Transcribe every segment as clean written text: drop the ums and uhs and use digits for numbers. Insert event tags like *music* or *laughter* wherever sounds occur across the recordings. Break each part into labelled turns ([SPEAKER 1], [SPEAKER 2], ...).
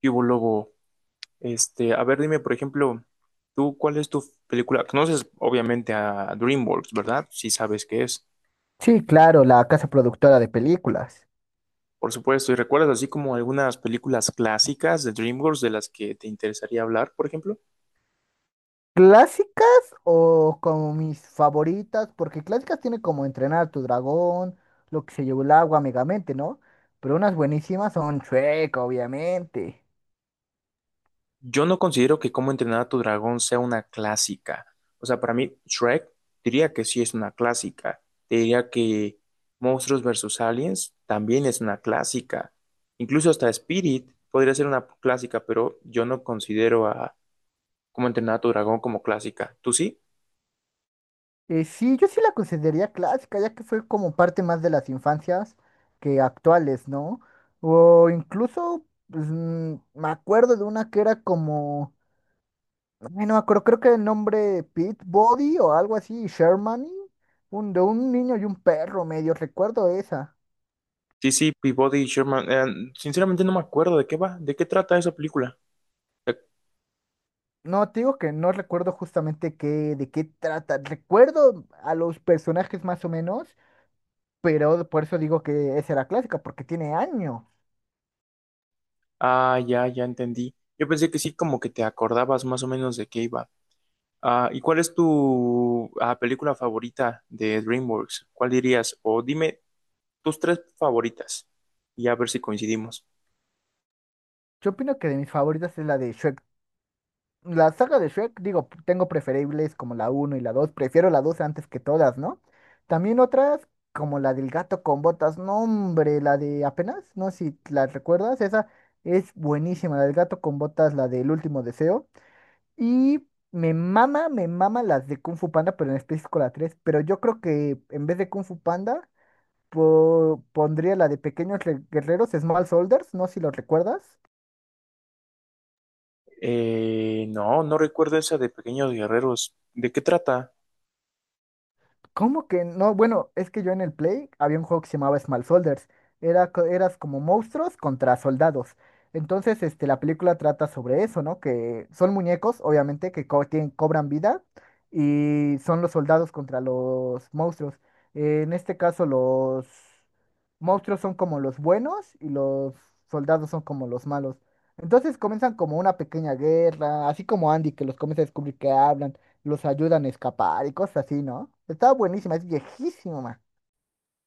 [SPEAKER 1] ¿Qué hubo, Lobo? A ver, dime, por ejemplo, tú, ¿cuál es tu película? Conoces, obviamente, a DreamWorks, ¿verdad? Sí sabes qué es.
[SPEAKER 2] Sí, claro, la casa productora de películas.
[SPEAKER 1] Por supuesto, ¿y recuerdas así como algunas películas clásicas de DreamWorks de las que te interesaría hablar, por ejemplo?
[SPEAKER 2] ¿Clásicas o como mis favoritas? Porque clásicas tiene como Entrenar a tu dragón, Lo que se llevó el agua, Megamente, ¿no? Pero unas buenísimas son Shrek, obviamente.
[SPEAKER 1] Yo no considero que Cómo entrenar a tu dragón sea una clásica. O sea, para mí, Shrek diría que sí es una clásica. Te diría que Monstruos versus Aliens también es una clásica. Incluso hasta Spirit podría ser una clásica, pero yo no considero a como entrenar a tu dragón como clásica. ¿Tú sí?
[SPEAKER 2] Sí, yo sí la consideraría clásica, ya que fue como parte más de las infancias que actuales, ¿no? O incluso, pues, me acuerdo de una que era como... Ay, no me acuerdo, creo que el nombre Pete Body o algo así, Shermany, de un niño y un perro, medio recuerdo esa.
[SPEAKER 1] Sí, sí, Peabody y Sherman. Sinceramente no me acuerdo de qué va, de qué trata esa película. Eh,
[SPEAKER 2] No, te digo que no recuerdo justamente qué, de qué trata. Recuerdo a los personajes más o menos, pero por eso digo que esa era clásica, porque tiene años.
[SPEAKER 1] Ah, ya, ya entendí. Yo pensé que sí, como que te acordabas más o menos de qué iba. Ah, ¿y cuál es tu película favorita de DreamWorks? ¿Cuál dirías? O dime tus tres favoritas y a ver si coincidimos.
[SPEAKER 2] Yo opino que de mis favoritas es la de Shrek. La saga de Shrek, digo, tengo preferibles como la uno y la dos, prefiero la 2 antes que todas, ¿no? También otras como la del gato con botas, no hombre, la de apenas, no sé si la recuerdas, esa es buenísima, la del gato con botas, la del último deseo. Y me mama las de Kung Fu Panda, pero en específico la tres, pero yo creo que en vez de Kung Fu Panda, pondría la de Pequeños Guerreros, Small Soldiers, no sé si lo recuerdas.
[SPEAKER 1] No, no recuerdo esa de Pequeños Guerreros. ¿De qué trata?
[SPEAKER 2] ¿Cómo que no? Bueno, es que yo en el Play había un juego que se llamaba Small Soldiers. Era, eras como monstruos contra soldados. Entonces, este, la película trata sobre eso, ¿no? Que son muñecos, obviamente, que cobran vida y son los soldados contra los monstruos. En este caso, los monstruos son como los buenos y los soldados son como los malos. Entonces comienzan como una pequeña guerra, así como Andy, que los comienza a descubrir que hablan, los ayudan a escapar y cosas así, ¿no? Estaba buenísima, es viejísima.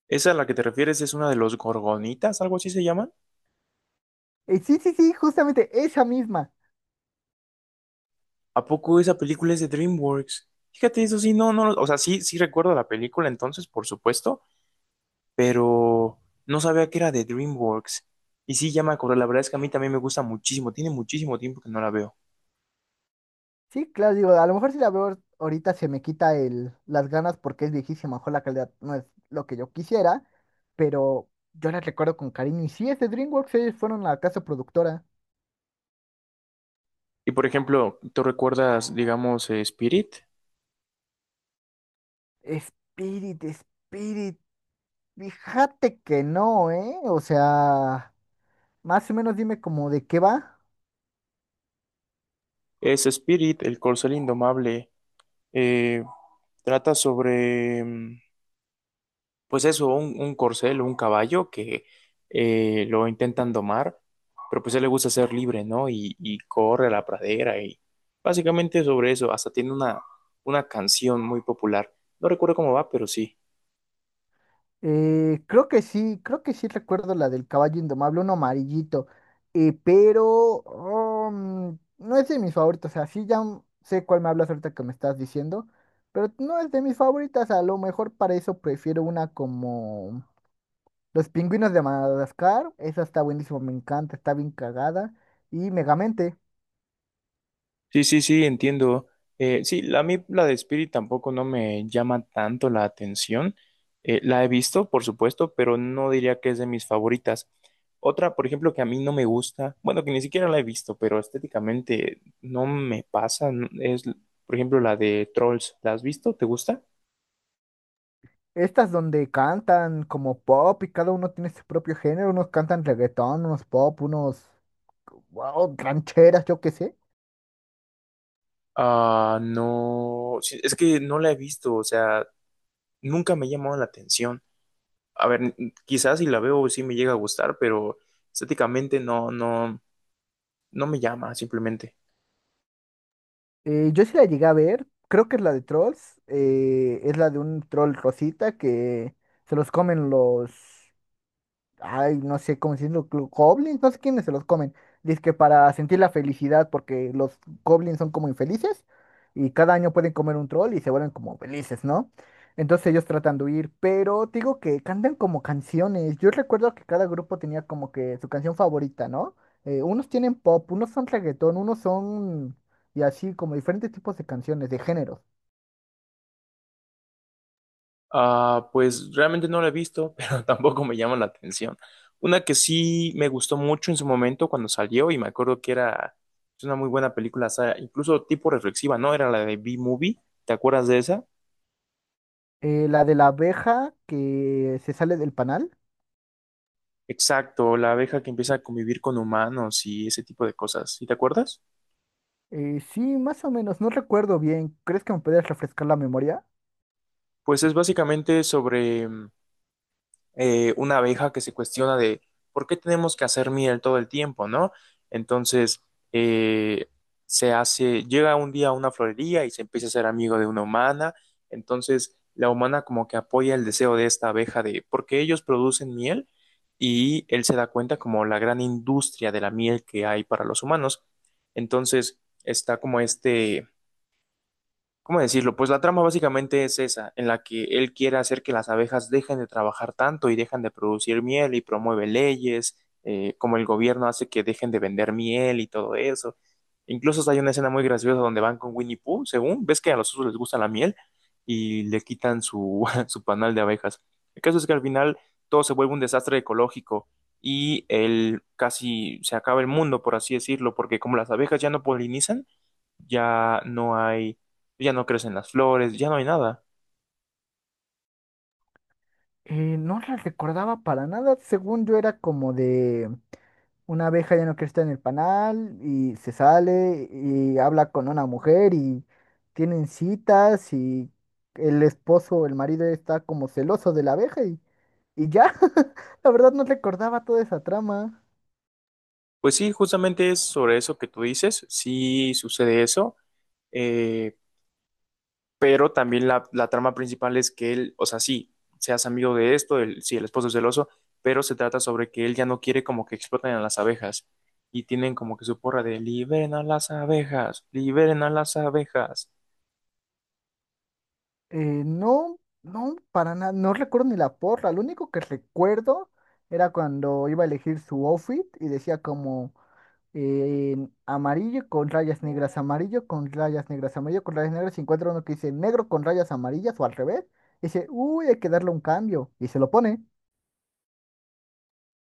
[SPEAKER 1] ¿Esa a la que te refieres es una de los Gorgonitas, algo así se llama?
[SPEAKER 2] Sí, sí, sí, justamente esa misma.
[SPEAKER 1] ¿A poco esa película es de DreamWorks? Fíjate, eso sí, no, no, o sea, sí, sí recuerdo la película entonces, por supuesto, pero no sabía que era de DreamWorks. Y sí, ya me acordé, la verdad es que a mí también me gusta muchísimo, tiene muchísimo tiempo que no la veo.
[SPEAKER 2] Sí, claro, digo, a lo mejor si la veo ahorita se me quita el, las ganas porque es viejísima, a lo mejor la calidad no es lo que yo quisiera, pero yo la recuerdo con cariño. Y sí, es de DreamWorks, ellos fueron la casa productora.
[SPEAKER 1] Y por ejemplo, ¿tú recuerdas, digamos, Spirit?
[SPEAKER 2] Spirit, Spirit, fíjate que no, ¿eh? O sea, más o menos dime como de qué va.
[SPEAKER 1] Es Spirit, el corcel indomable, eh, trata sobre... mm, pues eso, un corcel o un caballo que lo intentan domar, pero pues a él le gusta ser libre, ¿no? Y corre a la pradera y básicamente sobre eso, hasta tiene una canción muy popular. No recuerdo cómo va, pero sí.
[SPEAKER 2] Creo que sí, creo que sí recuerdo la del caballo indomable, uno amarillito, pero no es de mis favoritos, o sea, sí ya sé cuál me hablas ahorita que me estás diciendo, pero no es de mis favoritas, a lo mejor para eso prefiero una como Los pingüinos de Madagascar, esa está buenísima, me encanta, está bien cagada, y Megamente,
[SPEAKER 1] Sí, sí, sí, entiendo. Sí, a mí la de Spirit tampoco no me llama tanto la atención. La he visto, por supuesto, pero no diría que es de mis favoritas. Otra, por ejemplo, que a mí no me gusta, bueno, que ni siquiera la he visto, pero estéticamente no me pasa, es, por ejemplo, la de Trolls. ¿La has visto? ¿Te gusta?
[SPEAKER 2] estas donde cantan como pop y cada uno tiene su propio género, unos cantan reggaetón, unos pop, unos wow, rancheras, yo qué sé.
[SPEAKER 1] Ah, no, sí, es que no la he visto, o sea, nunca me ha llamado la atención. A ver, quizás si la veo sí me llega a gustar, pero estéticamente no, no. No me llama, simplemente.
[SPEAKER 2] Yo sí la llegué a ver, creo que es la de Trolls, es la de un troll rosita que se los comen los, ay, no sé, como si los goblins, no sé quiénes se los comen. Dice que para sentir la felicidad, porque los goblins son como infelices y cada año pueden comer un troll y se vuelven como felices, ¿no? Entonces ellos tratan de huir, pero te digo que cantan como canciones. Yo recuerdo que cada grupo tenía como que su canción favorita, ¿no? Unos tienen pop, unos son reggaetón, unos son... y así como diferentes tipos de canciones, de géneros.
[SPEAKER 1] Ah, pues realmente no la he visto, *laughs* pero tampoco me llama la atención. Una que sí me gustó mucho en su momento cuando salió y me acuerdo que era es una muy buena película, o sea, incluso tipo reflexiva, ¿no? Era la de B-Movie, ¿te acuerdas de esa?
[SPEAKER 2] La de la abeja que se sale del panal.
[SPEAKER 1] Exacto, la abeja que empieza a convivir con humanos y ese tipo de cosas, ¿sí te acuerdas?
[SPEAKER 2] Sí, más o menos, no recuerdo bien. ¿Crees que me podrías refrescar la memoria?
[SPEAKER 1] Pues es básicamente sobre una abeja que se cuestiona de por qué tenemos que hacer miel todo el tiempo, ¿no? Entonces, eh, se hace, llega un día a una florería y se empieza a ser amigo de una humana, entonces la humana como que apoya el deseo de esta abeja de porque ellos producen miel y él se da cuenta como la gran industria de la miel que hay para los humanos. Entonces, está como ¿cómo decirlo? Pues la trama básicamente es esa, en la que él quiere hacer que las abejas dejen de trabajar tanto y dejan de producir miel y promueve leyes, como el gobierno hace que dejen de vender miel y todo eso. Incluso hay una escena muy graciosa donde van con Winnie Pooh, según, ves que a los osos les gusta la miel y le quitan su, *laughs* su panal de abejas. El caso es que al final todo se vuelve un desastre ecológico y él casi se acaba el mundo, por así decirlo, porque como las abejas ya no polinizan, ya no hay, ya no crecen las flores, ya no hay nada.
[SPEAKER 2] No la recordaba para nada. Según yo era como de una abeja ya no quiere estar en el panal y se sale y habla con una mujer y tienen citas y el esposo o el marido está como celoso de la abeja y ya. *laughs* La verdad no recordaba toda esa trama.
[SPEAKER 1] Pues sí, justamente es sobre eso que tú dices, sí sucede eso, eh, pero también la trama principal es que él, o sea, sí, seas amigo de esto, sí, el esposo es celoso, pero se trata sobre que él ya no quiere como que exploten a las abejas y tienen como que su porra de liberen a las abejas, liberen a las abejas.
[SPEAKER 2] Eh, no, no, para nada, no recuerdo ni la porra. Lo único que recuerdo era cuando iba a elegir su outfit y decía como eh, amarillo con rayas negras, amarillo con rayas negras, amarillo con rayas negras. Y encuentra uno que dice negro con rayas amarillas o al revés, y dice, uy, hay que darle un cambio. Y se lo pone.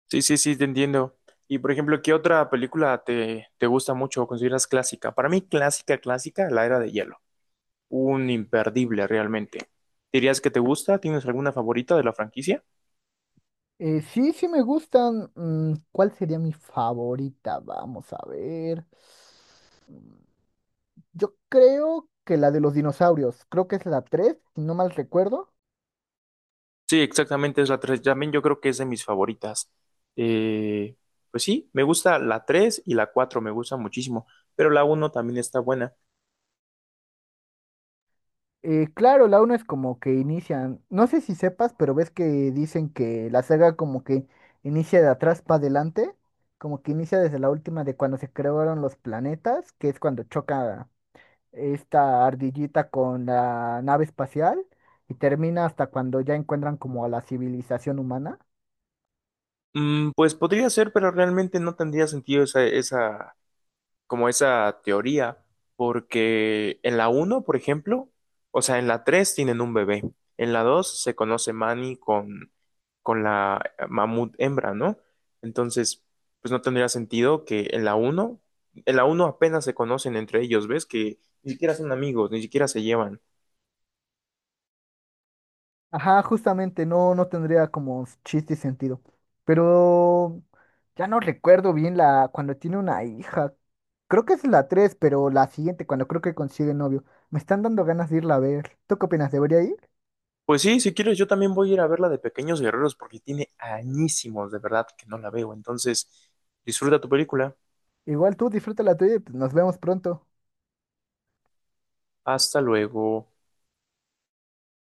[SPEAKER 1] Sí, sí, sí, te entiendo. Y por ejemplo, ¿qué otra película te gusta mucho o consideras clásica? Para mí, clásica, clásica, La Era de Hielo. Un imperdible realmente. ¿Dirías que te gusta? ¿Tienes alguna favorita de la franquicia?
[SPEAKER 2] Sí, sí me gustan. Mm, ¿cuál sería mi favorita? Vamos a ver. Mm, yo creo que la de los dinosaurios. Creo que es la 3, si no mal recuerdo.
[SPEAKER 1] Sí, exactamente, es la tres. También yo creo que es de mis favoritas. Eh, pues sí, me gusta la 3 y la 4 me gusta muchísimo, pero la uno también está buena.
[SPEAKER 2] Claro, la uno es como que inician, no sé si sepas, pero ves que dicen que la saga como que inicia de atrás para adelante, como que inicia desde la última de cuando se crearon los planetas, que es cuando choca esta ardillita con la nave espacial y termina hasta cuando ya encuentran como a la civilización humana.
[SPEAKER 1] Pues podría ser, pero realmente no tendría sentido esa, como esa teoría, porque en la uno, por ejemplo, o sea, en la 3 tienen un bebé, en la 2 se conoce Manny con la mamut hembra, ¿no? Entonces, pues no tendría sentido que en la uno, apenas se conocen entre ellos, ¿ves? Que ni siquiera son amigos, ni siquiera se llevan.
[SPEAKER 2] Ajá, justamente, no, no tendría como chiste y sentido. Pero ya no recuerdo bien la cuando tiene una hija. Creo que es la tres, pero la siguiente, cuando creo que consigue novio. Me están dando ganas de irla a ver. ¿Tú qué opinas? ¿Debería ir?
[SPEAKER 1] Pues sí, si quieres, yo también voy a ir a ver la de Pequeños Guerreros porque tiene añísimos, de verdad, que no la veo. Entonces, disfruta tu película.
[SPEAKER 2] Igual tú disfruta la tuya y pues, nos vemos pronto.
[SPEAKER 1] Hasta luego.